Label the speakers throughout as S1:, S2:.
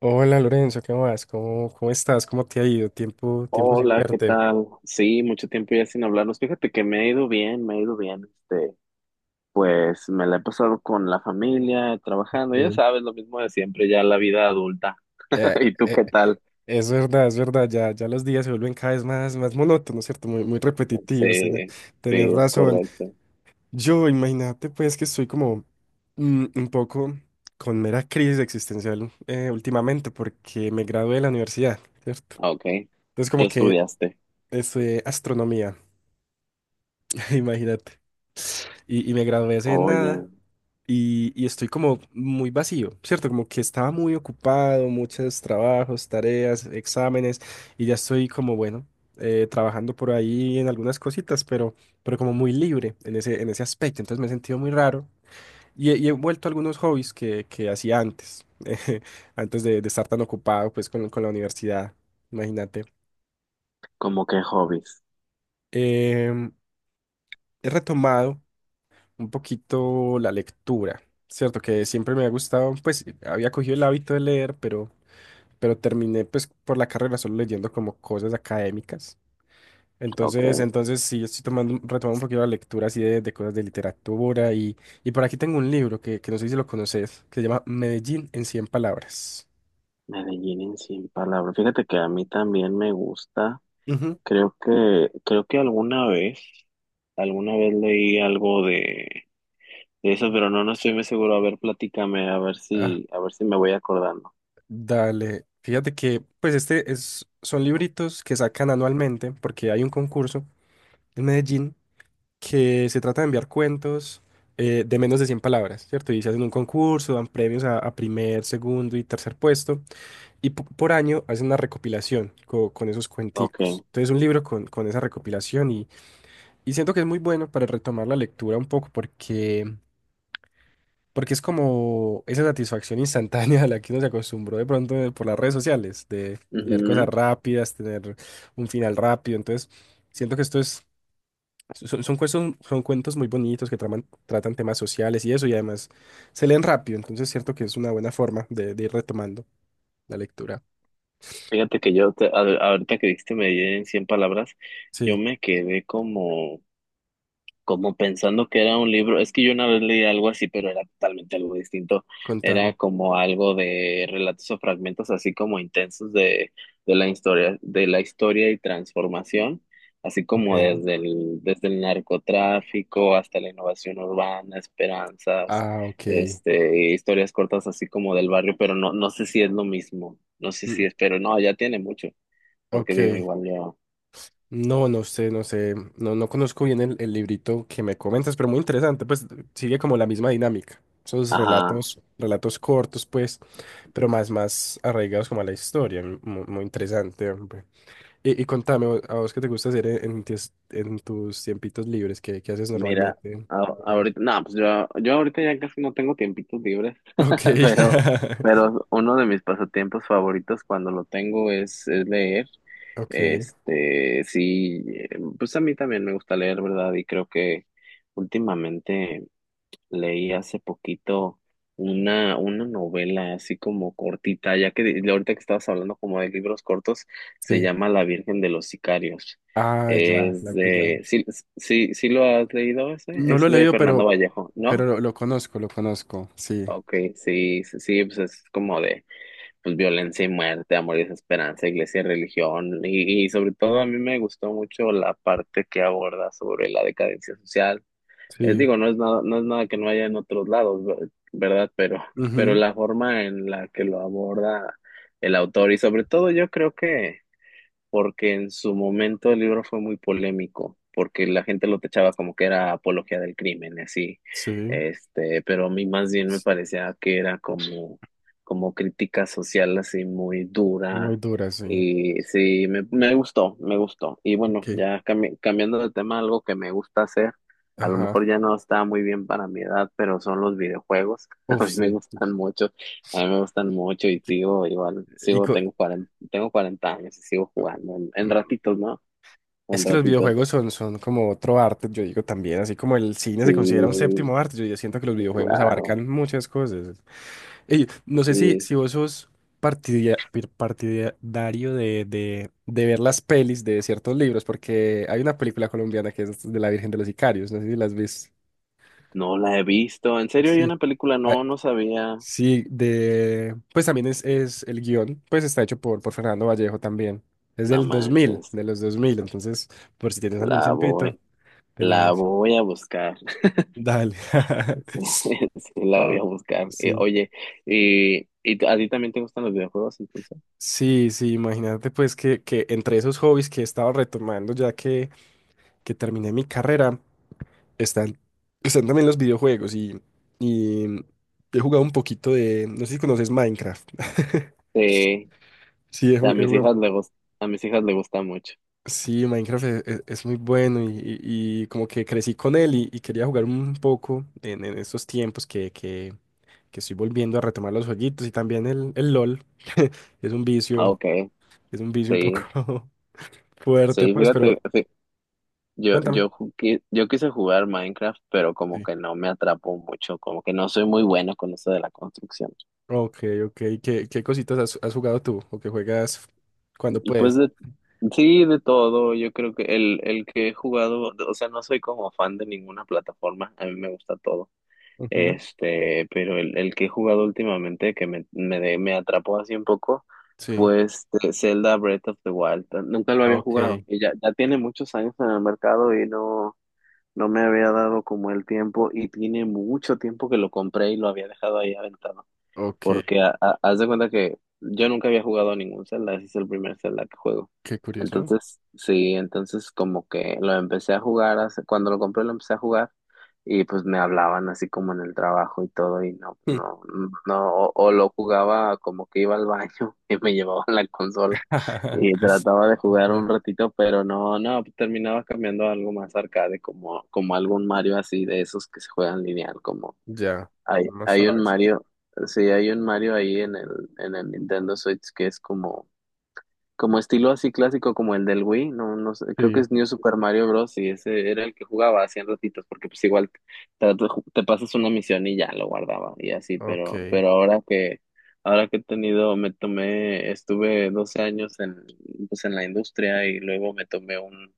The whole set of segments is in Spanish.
S1: Hola Lorenzo, ¿qué más? ¿Cómo estás? ¿Cómo te ha ido? Tiempo sin
S2: Hola, ¿qué
S1: verte.
S2: tal? Sí, mucho tiempo ya sin hablarnos. Fíjate que me ha ido bien, me ha ido bien. Este, pues me la he pasado con la familia, trabajando, ya
S1: Eh,
S2: sabes, lo mismo de siempre, ya la vida adulta.
S1: Eh,
S2: ¿Y tú
S1: eh,
S2: qué tal?
S1: es verdad, ya los días se vuelven cada vez más monótonos, ¿cierto? Muy repetitivos,
S2: Sí, sí,
S1: tener,
S2: es
S1: razón.
S2: correcto.
S1: Yo, imagínate pues que estoy como un poco con mera crisis existencial últimamente porque me gradué de la universidad, ¿cierto?
S2: Ah, ok.
S1: Entonces
S2: ¿Qué
S1: como que
S2: estudiaste?
S1: estudié astronomía, imagínate, y me gradué hace
S2: Oye,
S1: nada. Y estoy como muy vacío, ¿cierto? Como que estaba muy ocupado, muchos trabajos, tareas, exámenes, y ya estoy como, bueno, trabajando por ahí en algunas cositas, pero como muy libre en ese aspecto. Entonces me he sentido muy raro y, he vuelto a algunos hobbies que hacía antes, antes de estar tan ocupado pues con la universidad, imagínate.
S2: ¿cómo qué hobbies?
S1: Em, he retomado un poquito la lectura. Cierto que siempre me ha gustado, pues había cogido el hábito de leer, pero terminé pues por la carrera solo leyendo como cosas académicas. Entonces,
S2: Ok.
S1: entonces sí, estoy tomando, retomando un poquito la lectura así de cosas de literatura y por aquí tengo un libro que no sé si lo conoces, que se llama Medellín en cien palabras.
S2: Medellín en 100 palabras. Fíjate que a mí también me gusta.
S1: Ujú.
S2: Creo que alguna vez leí algo de eso, pero no, no estoy muy seguro. A ver, platícame,
S1: Ah,
S2: a ver si me voy acordando.
S1: dale. Fíjate que, pues este es, son libritos que sacan anualmente porque hay un concurso en Medellín que se trata de enviar cuentos de menos de 100 palabras, ¿cierto? Y se hacen un concurso, dan premios a primer, segundo y tercer puesto. Y por año hace una recopilación con esos
S2: Ok.
S1: cuenticos. Entonces, un libro con esa recopilación y siento que es muy bueno para retomar la lectura un poco porque, porque es como esa satisfacción instantánea a la que uno se acostumbró de pronto por las redes sociales, de leer cosas
S2: Ujú.
S1: rápidas, tener un final rápido. Entonces, siento que esto es, son cuentos muy bonitos que tratan temas sociales y eso y además se leen rápido. Entonces, siento que es una buena forma de ir retomando la lectura.
S2: Fíjate que ahorita que dijiste medir en 100 palabras, yo
S1: Sí,
S2: me quedé como pensando que era un libro, es que yo una vez leí algo así, pero era totalmente algo distinto, era
S1: contame.
S2: como algo de relatos o fragmentos así como intensos de la historia y transformación, así
S1: Ok.
S2: como desde el narcotráfico hasta la innovación urbana, esperanzas,
S1: Ah, ok.
S2: historias cortas así como del barrio, pero no, no sé si es lo mismo, no sé
S1: Mm.
S2: si es, pero no, ya tiene mucho, porque digo,
S1: Ok.
S2: igual ya
S1: No, no sé, no sé. No, no conozco bien el librito que me comentas, pero muy interesante. Pues sigue como la misma dinámica. Esos
S2: ajá.
S1: relatos, relatos cortos, pues, pero más, más arraigados como a la historia. Muy interesante, hombre. Y contame, a vos qué te gusta hacer en en tus tiempitos libres? ¿Qué, qué haces
S2: Mira,
S1: normalmente? ¿Lorenzo?
S2: ahorita, no, pues yo ahorita ya casi no tengo tiempitos libres,
S1: Ok.
S2: pero, pero uno de mis pasatiempos favoritos cuando lo tengo es leer.
S1: Ok.
S2: Este, sí, eh, pues a mí también me gusta leer, ¿verdad? Y creo que últimamente leí hace poquito una novela así como cortita, ya que ahorita que estabas hablando como de libros cortos, se
S1: Sí.
S2: llama La Virgen de los Sicarios.
S1: Ah, ya,
S2: Es
S1: la pillamos.
S2: de, sí, sí, sí lo has leído ese,
S1: No lo
S2: es
S1: he
S2: de
S1: leído,
S2: Fernando Vallejo,
S1: pero
S2: ¿no?
S1: lo conozco, lo conozco. Sí,
S2: Ok, sí, sí, sí, pues es como de pues, violencia y muerte, amor y desesperanza, iglesia y religión, y sobre todo a mí me gustó mucho la parte que aborda sobre la decadencia social
S1: sí.
S2: digo, no es nada, no es nada que no haya en otros lados, ¿verdad? Pero
S1: Ujú.
S2: la forma en la que lo aborda el autor y sobre todo yo creo que porque en su momento el libro fue muy polémico, porque la gente lo techaba como que era apología del crimen y así,
S1: Sí.
S2: pero a mí más bien me parecía que era como, como crítica social así muy
S1: Muy
S2: dura,
S1: dura, sí.
S2: y sí, me gustó, me gustó. Y
S1: Ok.
S2: bueno, ya cambiando de tema, algo que me gusta hacer, a lo
S1: Ajá.
S2: mejor ya no está muy bien para mi edad, pero son los videojuegos. A
S1: Uf,
S2: mí me
S1: sí.
S2: gustan mucho. A mí me gustan mucho y
S1: Qui-
S2: sigo igual,
S1: Y,
S2: sigo,
S1: co-
S2: tengo 40 años y sigo jugando en
S1: mm,
S2: ratitos, ¿no?
S1: es
S2: En
S1: que los
S2: ratitos.
S1: videojuegos son, son como otro arte, yo digo también, así como el cine se considera un
S2: Sí,
S1: séptimo arte, yo siento que los videojuegos
S2: claro,
S1: abarcan muchas cosas. Y no sé si,
S2: sí.
S1: si vos sos partidario de, de ver las pelis de ciertos libros, porque hay una película colombiana que es de La Virgen de los Sicarios, no sé si las viste.
S2: No la he visto. En serio, hay
S1: Sí.
S2: una película,
S1: Ah,
S2: no, no sabía.
S1: sí, de... Pues también es el guión, pues está hecho por Fernando Vallejo también. Es
S2: No
S1: del 2000,
S2: manches.
S1: de los 2000, entonces por si tienes algún
S2: La
S1: tiempito,
S2: voy,
S1: te la
S2: la
S1: ves.
S2: voy a buscar.
S1: Dale.
S2: Sí, sí, la voy a wow buscar.
S1: Sí,
S2: Oye, y, a ti también te gustan los videojuegos, entonces.
S1: sí, sí, imagínate pues que entre esos hobbies que he estado retomando ya que terminé mi carrera, están, están también los videojuegos y he jugado un poquito de, no sé si conoces Minecraft.
S2: Sí,
S1: Sí,
S2: a
S1: he
S2: mis
S1: jugado.
S2: hijas le gust- a mis hijas le gusta mucho.
S1: Sí, Minecraft es muy bueno y, y como que crecí con él y quería jugar un poco en estos tiempos que estoy volviendo a retomar los jueguitos y también el LOL. Es un
S2: Ah,
S1: vicio,
S2: okay,
S1: es un vicio un poco
S2: sí.
S1: fuerte,
S2: Sí,
S1: pues,
S2: fíjate,
S1: pero cuéntame.
S2: Yo quise jugar Minecraft, pero como
S1: Sí.
S2: que no me atrapó mucho, como que no soy muy bueno con eso de la construcción.
S1: Ok, ok. ¿Qué, qué cositas has, has jugado tú o que juegas cuando
S2: Pues
S1: puedes?
S2: de, sí, de todo, yo creo que el que he jugado, o sea, no soy como fan de ninguna plataforma, a mí me gusta todo.
S1: Ujú.
S2: Pero el que he jugado últimamente que me, me atrapó así un poco
S1: Sí.
S2: fue este Zelda Breath of the Wild. Nunca lo había jugado
S1: Ok,
S2: y ya, ya tiene muchos años en el mercado y no. No me había dado como el tiempo y tiene mucho tiempo que lo compré y lo había dejado ahí aventado.
S1: ok.
S2: Porque haz de cuenta que yo nunca había jugado a ningún Zelda, ese es el primer Zelda que juego.
S1: Qué curioso.
S2: Entonces, sí, entonces como que lo empecé a jugar, cuando lo compré lo empecé a jugar y pues me hablaban así como en el trabajo y todo y no,
S1: Hmm.
S2: no, no, o lo jugaba como que iba al baño y me llevaban la consola y trataba de jugar
S1: Ya.
S2: un ratito, pero no, no, terminaba cambiando a algo más arcade, como, como algún Mario así de esos que se juegan lineal,
S1: Ya.
S2: hay,
S1: No
S2: hay un
S1: sabes.
S2: Mario, sí, hay un Mario ahí en el Nintendo Switch que es como, como estilo así clásico como el del Wii, no, no sé, creo que
S1: Sí,
S2: es New Super Mario Bros. Y ese era el que jugaba hacían ratitos, porque pues igual te, te pasas una misión y ya lo guardaba y así,
S1: ok.
S2: pero ahora que he tenido, me tomé, estuve 12 años en, pues en la industria y luego me tomé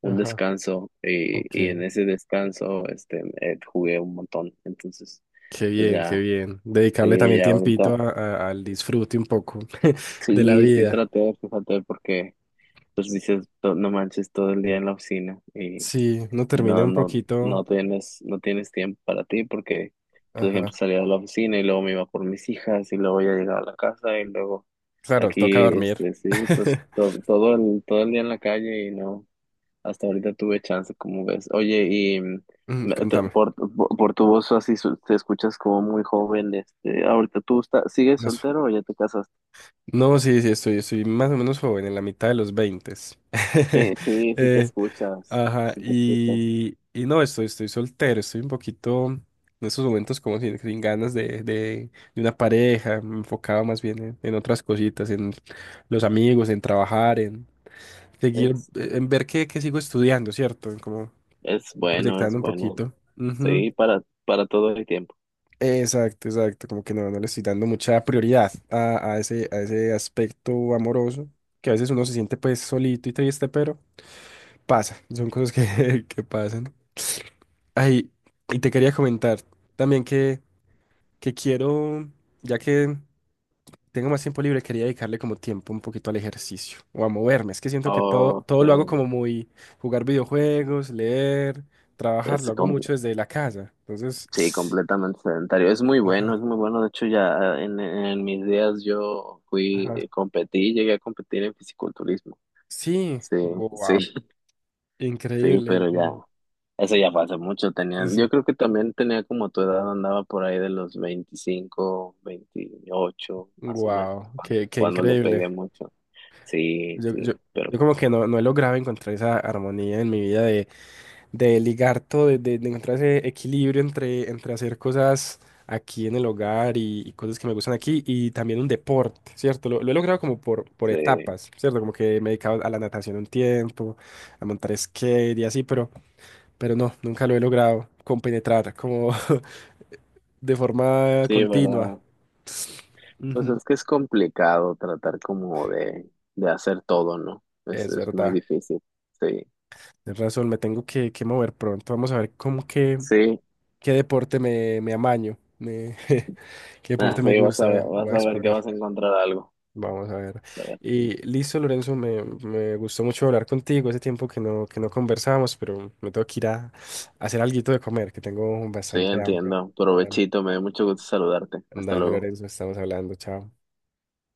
S2: un
S1: Ajá.
S2: descanso
S1: Ok,
S2: y en ese descanso jugué un montón entonces
S1: qué
S2: pues
S1: bien, qué
S2: ya
S1: bien. Dedicarle
S2: sí,
S1: también
S2: ya ahorita.
S1: tiempito al disfrute un poco de la
S2: Sí, sí
S1: vida.
S2: traté, de fíjate, porque pues dices, "No no manches todo el día en la oficina
S1: Sí, no
S2: y
S1: termina
S2: no,
S1: un
S2: no,
S1: poquito.
S2: no tienes, no tienes tiempo para ti porque, por ejemplo,
S1: Ajá.
S2: salía de la oficina y luego me iba por mis hijas y luego ya llegaba a la casa y luego
S1: Claro, toca
S2: aquí,
S1: dormir.
S2: sí, pues todo, todo el día en la calle y no, hasta ahorita tuve chance, como ves. Oye,
S1: Mm, contame.
S2: por tu voz así te escuchas como muy joven, ahorita tú estás, ¿sigues
S1: Más-
S2: soltero o ya te casaste?
S1: No, sí, sí, estoy, estoy más o menos joven, en la mitad de los 20.
S2: Sí, sí, sí te escuchas,
S1: Ajá,
S2: sí te escuchas.
S1: y no, estoy, estoy soltero, estoy un poquito en estos momentos como sin, sin ganas de, de una pareja, me enfocaba más bien en otras cositas, en los amigos, en trabajar, en seguir,
S2: Es,
S1: en ver que sigo estudiando, ¿cierto? En como
S2: es
S1: ir
S2: bueno,
S1: proyectando
S2: es
S1: un
S2: bueno.
S1: poquito. Ujú.
S2: Sí, para todo el tiempo.
S1: Exacto, exacto, como que no, no le estoy dando mucha prioridad a ese aspecto amoroso, que a veces uno se siente pues solito y triste, pero pasa, son cosas que, que pasan. Ay, y te quería comentar también que quiero, ya que tengo más tiempo libre, quería dedicarle como tiempo un poquito al ejercicio o a moverme. Es que siento que todo,
S2: Oh,
S1: todo lo hago
S2: sí,
S1: como muy jugar videojuegos, leer, trabajar,
S2: es
S1: lo hago
S2: comple-
S1: mucho desde la casa.
S2: sí,
S1: Entonces,
S2: completamente sedentario. Es muy bueno,
S1: ajá,
S2: es muy bueno. De hecho, ya en mis días yo fui,
S1: ajá.
S2: competí, llegué a competir en fisiculturismo.
S1: Sí,
S2: Sí, sí,
S1: wow.
S2: sí,
S1: Increíble,
S2: pero ya,
S1: increíble.
S2: eso ya fue hace mucho. Tenía, yo
S1: Sí.
S2: creo que también tenía como tu edad, andaba por ahí de los 25, 28, más o menos,
S1: Wow,
S2: cuando,
S1: qué, qué
S2: cuando le
S1: increíble.
S2: pegué mucho. Sí,
S1: Yo, yo,
S2: sí, pero
S1: yo
S2: pues,
S1: como que no, no he logrado encontrar esa armonía en mi vida de ligar todo, de, de encontrar ese equilibrio entre, entre hacer cosas aquí en el hogar y cosas que me gustan aquí y también un deporte, ¿cierto? Lo he logrado como por
S2: sí,
S1: etapas, ¿cierto? Como que me he dedicado a la natación un tiempo, a montar skate y así, pero no, nunca lo he logrado compenetrar como de forma
S2: sí,
S1: continua.
S2: verdad. Pues
S1: Ujú.
S2: es que es complicado tratar como de hacer todo, ¿no?
S1: Es
S2: Es muy
S1: verdad,
S2: difícil. Sí,
S1: es razón, me tengo que mover pronto. Vamos a ver cómo que
S2: sí,
S1: ¿qué deporte me, me amaño? ¿Qué deporte
S2: ah,
S1: me
S2: sí, vas
S1: gusta?
S2: a,
S1: Voy a,
S2: vas
S1: voy a
S2: a ver que
S1: explorar.
S2: vas a encontrar algo.
S1: Vamos a ver.
S2: Vas a ver.
S1: Y listo, Lorenzo, me gustó mucho hablar contigo. Hace tiempo que no conversábamos, pero me tengo que ir a hacer alguito de comer, que tengo
S2: Sí,
S1: bastante hambre.
S2: entiendo.
S1: Dale,
S2: Provechito, me dio mucho gusto saludarte. Hasta
S1: dale,
S2: luego.
S1: Lorenzo, estamos hablando. Chao.